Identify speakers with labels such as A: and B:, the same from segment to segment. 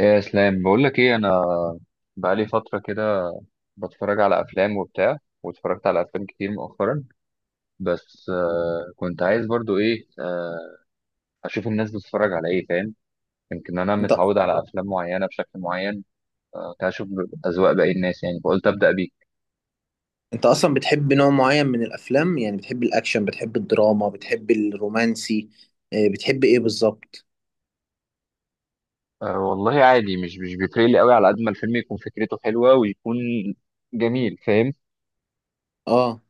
A: إيه يا اسلام، بقول لك ايه انا بقالي فتره كده بتفرج على افلام وبتاع، واتفرجت على افلام كتير مؤخرا. بس كنت عايز برضو ايه، اشوف الناس بتتفرج على ايه، فاهم؟ يمكن انا
B: انت
A: متعود على افلام معينه بشكل معين. كنت عايز اشوف اذواق باقي الناس، يعني فقلت ابدا بيك.
B: انت اصلا بتحب نوع معين من الافلام، يعني بتحب الاكشن، بتحب الدراما، بتحب الرومانسي. بتحب ايه بالظبط؟
A: والله عادي، مش بيفرق لي قوي، على قد ما الفيلم يكون فكرته حلوه ويكون جميل، فاهم؟
B: اه.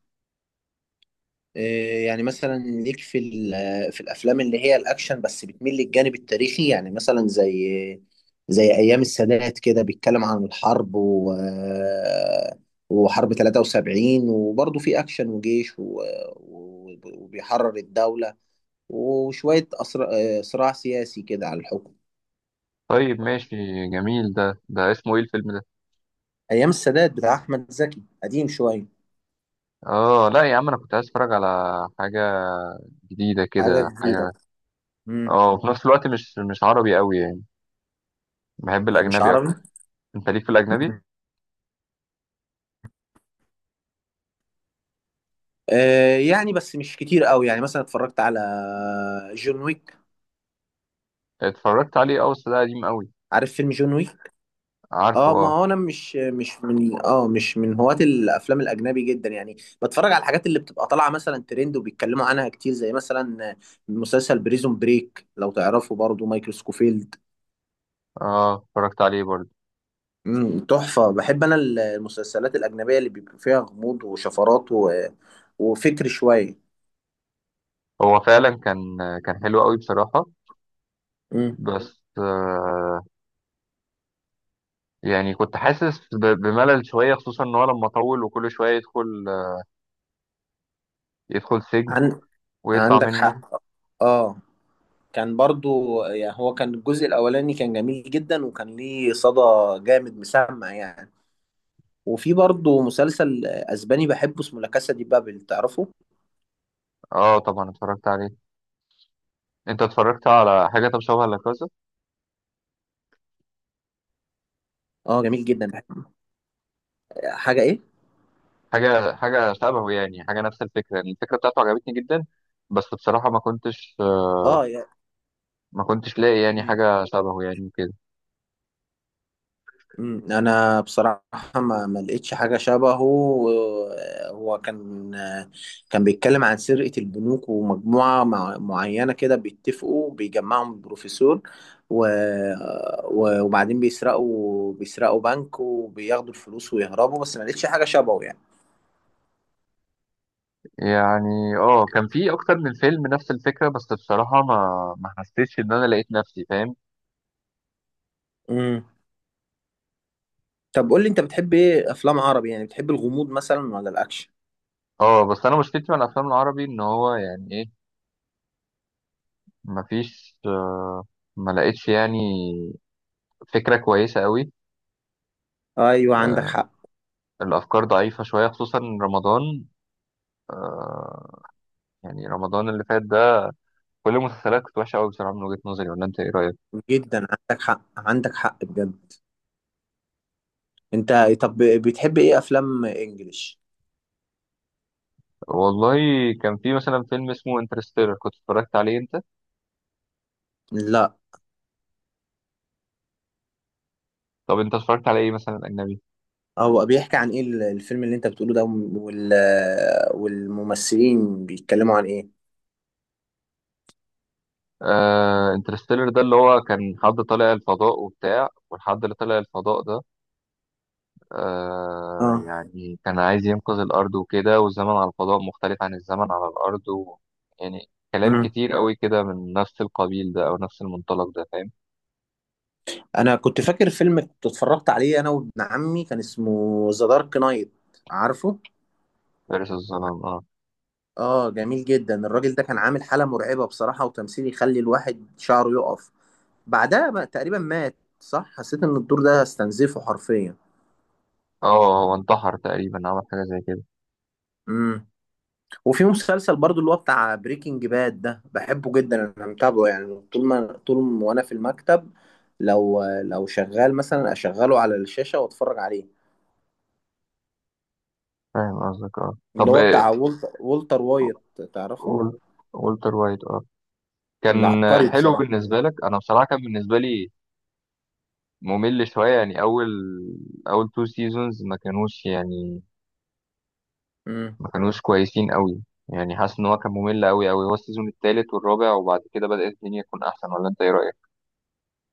B: آه، يعني مثلا ليك في في الافلام اللي هي الاكشن بس بتميل للجانب التاريخي، يعني مثلا زي ايام السادات كده، بيتكلم عن الحرب و آه، وحرب 73، وبرضه في اكشن وجيش وبيحرر الدولة، وشوية صراع سياسي كده على الحكم.
A: طيب ماشي جميل. ده اسمه ايه الفيلم ده؟
B: ايام السادات بتاع احمد زكي، قديم شويه.
A: اه لا يا عم، انا كنت عايز اتفرج على حاجه جديده
B: حاجه
A: كده،
B: جديده.
A: حاجه.
B: امم.
A: اه، وفي نفس الوقت مش عربي قوي، يعني بحب
B: مش
A: الاجنبي
B: عربي.
A: اكتر. انت ليك في الاجنبي؟
B: مم. يعني بس مش كتير قوي، يعني مثلا اتفرجت على جون ويك.
A: اتفرجت عليه اه، بس ده قديم قوي.
B: عارف فيلم جون ويك؟
A: عارفه
B: اه، ما
A: اه.
B: هو انا مش مش من اه مش من هواة الافلام الاجنبي جدا يعني. بتفرج على الحاجات اللي بتبقى طالعه مثلا ترند وبيتكلموا عنها كتير، زي مثلا مسلسل بريزون بريك، لو تعرفه، برضو مايكل سكوفيلد.
A: اه اتفرجت عليه برضه.
B: امم، تحفه. بحب انا المسلسلات الاجنبيه اللي بيبقى فيها غموض وشفرات وفكر شويه.
A: هو فعلا كان حلو قوي بصراحه.
B: مم.
A: بس، يعني كنت حاسس بملل شويه، خصوصا ان هو لما طول وكل شويه يدخل سجن
B: عن...
A: ويطلع
B: عندك
A: منه.
B: حق. اه، كان برضو يعني، هو كان الجزء الاولاني كان جميل جدا، وكان ليه صدى جامد مسمع يعني. وفي برضو مسلسل اسباني بحبه اسمه لا كاسا دي بابل، تعرفه؟
A: اه طبعا اتفرجت عليه. انت اتفرجت على حاجه طب شبه لا؟
B: اه، جميل جدا. حاجه ايه؟
A: حاجة شبهه، يعني حاجة نفس الفكرة، يعني الفكرة بتاعته عجبتني جدا. بس بصراحة
B: اه يا...
A: ما كنتش لاقي يعني
B: مم.
A: حاجة شبهه يعني كده.
B: مم، انا بصراحه ما لقيتش حاجه شبهه هو كان بيتكلم عن سرقه البنوك ومجموعه معينه كده بيتفقوا، بيجمعهم البروفيسور و... وبعدين بيسرقوا بنك وبياخدوا الفلوس ويهربوا، بس ما لقيتش حاجه شبهه يعني.
A: يعني اه، كان في أكتر من فيلم نفس الفكرة، بس بصراحة ما حسيتش إن أنا لقيت نفسي، فاهم؟
B: مم. طب قول لي، انت بتحب ايه، افلام عربي؟ يعني بتحب الغموض مثلا ولا الاكشن؟
A: اه، بس أنا مشكلتي مع الأفلام العربي إن هو يعني إيه، ما فيش ما لقيتش يعني فكرة كويسة قوي.
B: ايوه عندك
A: آه،
B: حق،
A: الأفكار ضعيفة شوية خصوصا رمضان. آه، يعني رمضان اللي فات ده كل المسلسلات كانت وحشة قوي بصراحة من وجهة نظري، ولا أنت إيه رأيك؟
B: جدا عندك حق، عندك حق بجد. انت طب بتحب ايه، افلام انجليش؟
A: والله كان في مثلا فيلم اسمه انترستيلر كنت اتفرجت عليه، انت؟
B: لا،
A: طب انت اتفرجت على ايه مثلا اجنبي؟
B: هو بيحكي عن ايه الفيلم اللي انت بتقوله ده وال... والممثلين بيتكلموا عن ايه؟
A: انترستيلر ده اللي هو كان حد طالع الفضاء وبتاع، والحد اللي طالع الفضاء ده
B: اه.
A: يعني كان عايز ينقذ الارض وكده، والزمن على الفضاء مختلف عن الزمن على الارض و يعني كلام
B: مم.
A: كتير قوي كده، من نفس القبيل ده او نفس المنطلق ده، فاهم؟
B: انا كنت فاكر فيلم كنت اتفرجت عليه انا وابن عمي، كان اسمه ذا دارك نايت، عارفه؟
A: فارس الظلام اه.
B: اه، جميل جدا. الراجل ده كان عامل حالة مرعبة بصراحة، وتمثيل يخلي الواحد شعره يقف. بعدها بقى تقريبا مات، صح؟ حسيت ان الدور ده استنزفه حرفيا.
A: اه، هو انتحر تقريبا، عمل حاجه زي كده.
B: مم. وفي مسلسل برضو، اللي هو بتاع بريكنج باد ده، بحبه جدا. انا متابعه يعني، طول ما وانا في المكتب، لو شغال مثلا اشغله على الشاشة واتفرج عليه.
A: فاهم قصدك اه،
B: اللي
A: طب
B: هو
A: آه،
B: بتاع والتر وايت، تعرفه؟
A: وول- وولتر وايت اه. كان
B: من عبقري
A: حلو
B: بصراحة.
A: بالنسبة لك؟ أنا بصراحة كان بالنسبة لي ممل شوية يعني، أول تو سيزونز ما كانوش يعني
B: امم.
A: ما كانوش كويسين أوي. يعني حاسس إن هو كان ممل أوي أوي، هو السيزون التالت والرابع وبعد كده بدأت الدنيا تكون أحسن، ولا أنت إيه رأيك؟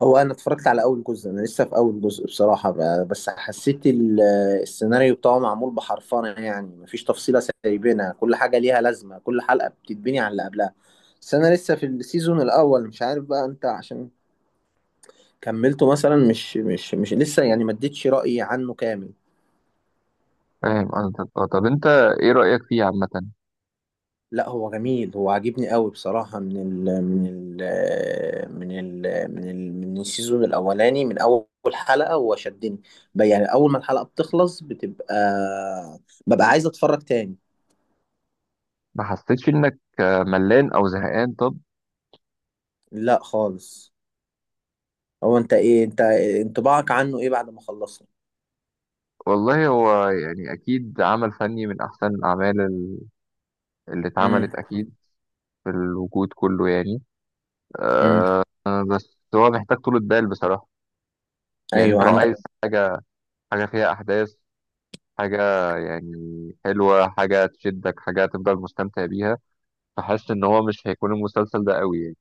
B: هو انا اتفرجت على اول جزء، انا لسه في اول جزء بصراحة. بس حسيت السيناريو بتاعه معمول بحرفنة، يعني مفيش تفصيلة سايبينها، كل حاجة ليها لازمة، كل حلقة بتتبني على اللي قبلها. بس انا لسه في السيزون الاول، مش عارف بقى انت عشان كملته مثلا. مش مش مش لسه يعني، ما اديتش رأيي عنه كامل.
A: فاهم قصدك، طب أنت إيه رأيك فيه عامة؟
B: لا، هو جميل، هو عاجبني قوي بصراحة، من ال من ال من ال من ال من السيزون الأولاني، من أول حلقة هو شدني. يعني أول ما الحلقة بتخلص بتبقى ببقى عايز أتفرج تاني.
A: ما حسيتش إنك ملان أو زهقان طب؟
B: لا خالص. هو أنت إيه، أنت انطباعك عنه إيه بعد ما خلصنا؟
A: والله هو يعني أكيد عمل فني من أحسن الأعمال اللي
B: امم.
A: اتعملت أكيد في الوجود كله يعني.
B: امم.
A: بس هو محتاج طولة بال بصراحة. يعني أنت
B: أيوه
A: لو
B: عندك.
A: عايز حاجة فيها أحداث، حاجة يعني حلوة، حاجة تشدك، حاجة تفضل مستمتع بيها. فحاسس إن هو مش هيكون المسلسل ده قوي يعني.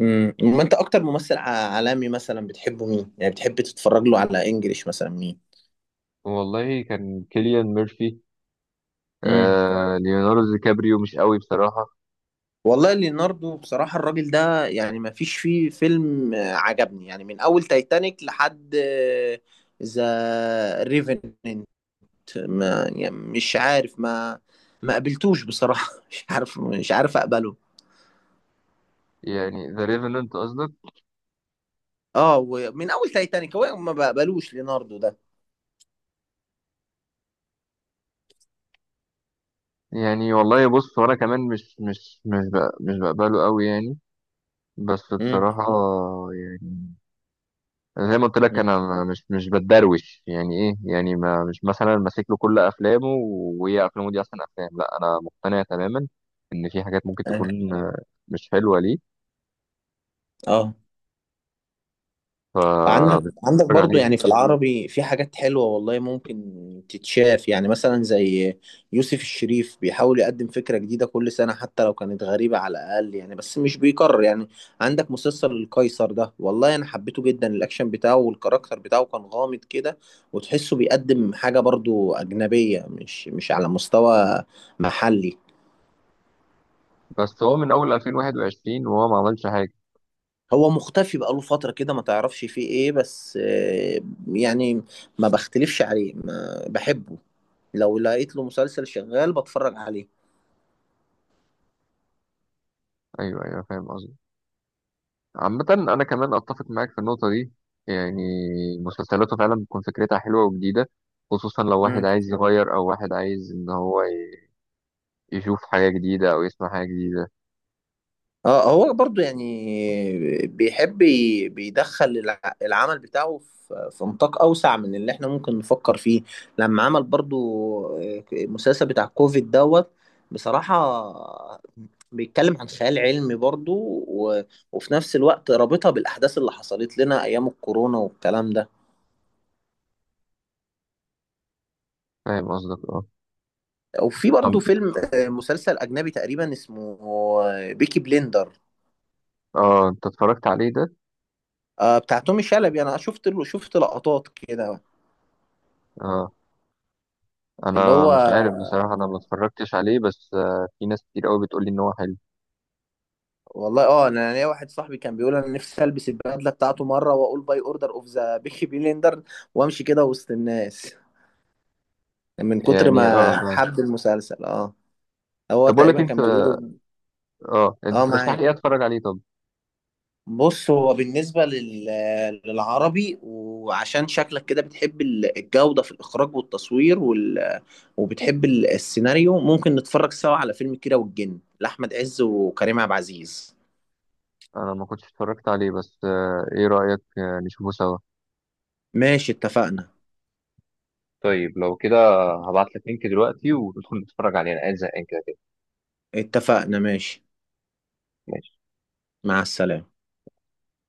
B: امم. ما أنت أكتر ممثل عالمي مثلا بتحبه مين؟ يعني بتحب تتفرج له على إنجليش مثلا مين؟
A: والله كان كيليان ميرفي.
B: امم.
A: ليوناردو دي كابريو مش قوي بصراحة.
B: والله ليوناردو بصراحة الراجل ده، يعني ما فيش فيه فيلم عجبني يعني، من أول تايتانيك لحد ذا ريفننت. ما يعني مش عارف، ما قبلتوش بصراحة مش عارف، مش عارف أقبله.
A: يعني ذا ريفننت قصدك؟
B: اه، ومن أول تايتانيك هو ما بقبلوش ليوناردو ده.
A: يعني والله بص، وأنا كمان مش بقبله قوي يعني، بس
B: امم.
A: بصراحة يعني. انا زي ما قلت لك، انا مش بتدروش يعني ايه، يعني ما مش مثلا ماسك له كل افلامه وهي افلامه دي احسن افلام، لا انا مقتنع تماما ان في حاجات ممكن تكون مش حلوه ليه،
B: اه، عندك، عندك
A: فبتفرج
B: برضو،
A: عليها.
B: يعني في العربي في حاجات حلوة والله، ممكن تتشاف يعني. مثلا زي يوسف الشريف، بيحاول يقدم فكرة جديدة كل سنة، حتى لو كانت غريبة على الأقل يعني، بس مش بيكرر يعني. عندك مسلسل القيصر ده، والله أنا حبيته جدا، الأكشن بتاعه والكاركتر بتاعه كان غامض كده، وتحسه بيقدم حاجة برضو أجنبية، مش على مستوى محلي.
A: بس هو من اول 2021 وهو ما عملش حاجه.
B: هو مختفي بقاله فترة كده، ما تعرفش فيه ايه. بس يعني ما بختلفش عليه، ما بحبه، لو لقيت له مسلسل شغال بتفرج عليه.
A: ايوه، ايوه، فاهم قصدي. عامه انا كمان اتفق معاك في النقطه دي، يعني مسلسلاته فعلا بتكون فكرتها حلوه وجديده، خصوصا لو واحد
B: امم.
A: عايز يغير او واحد عايز ان هو يشوف حاجه جديده او يسمع حاجه جديده.
B: اه، هو برضو يعني بيحب بيدخل العمل بتاعه في نطاق اوسع من اللي احنا ممكن نفكر فيه. لما عمل برضو المسلسل بتاع كوفيد دوت، بصراحة بيتكلم عن خيال علمي برضو، و... وفي نفس الوقت رابطها بالأحداث اللي حصلت لنا أيام الكورونا والكلام ده.
A: فاهم قصدك اه،
B: وفي برضو
A: طب
B: فيلم، مسلسل أجنبي تقريبا اسمه بيكي بليندر.
A: اه انت اتفرجت عليه ده؟
B: آه بتاع تومي شلبي، انا شفت لقطات كده.
A: اه
B: اللي
A: انا
B: هو،
A: مش عارف بصراحه، انا ما اتفرجتش عليه، بس في ناس كتير قوي بتقول لي ان هو حلو.
B: والله اه، انا ليا واحد صاحبي كان بيقول انا نفسي البس البدله بتاعته مره واقول باي اوردر اوف ذا بيكي بليندر وامشي كده وسط الناس، من كتر
A: يعني اه،
B: ما
A: فاهم.
B: حب المسلسل اه. هو
A: طب اقول لك
B: تقريبا
A: انت،
B: كان بيقوله.
A: اه انت
B: اه
A: ترشح لي
B: معاك.
A: ايه اتفرج عليه طب؟
B: بص هو بالنسبة للعربي، وعشان شكلك كده بتحب الجودة في الإخراج والتصوير وبتحب السيناريو، ممكن نتفرج سوا على فيلم كيرة والجن لأحمد عز وكريم عبد العزيز.
A: انا ما كنتش اتفرجت عليه، بس ايه رايك، نشوفه سوا؟
B: ماشي اتفقنا.
A: طيب لو كده، هبعت لك لينك دلوقتي وتدخل تتفرج عليه، انا قاعد زهقان كده
B: اتفقنا ماشي.
A: كده.
B: مع السلامة.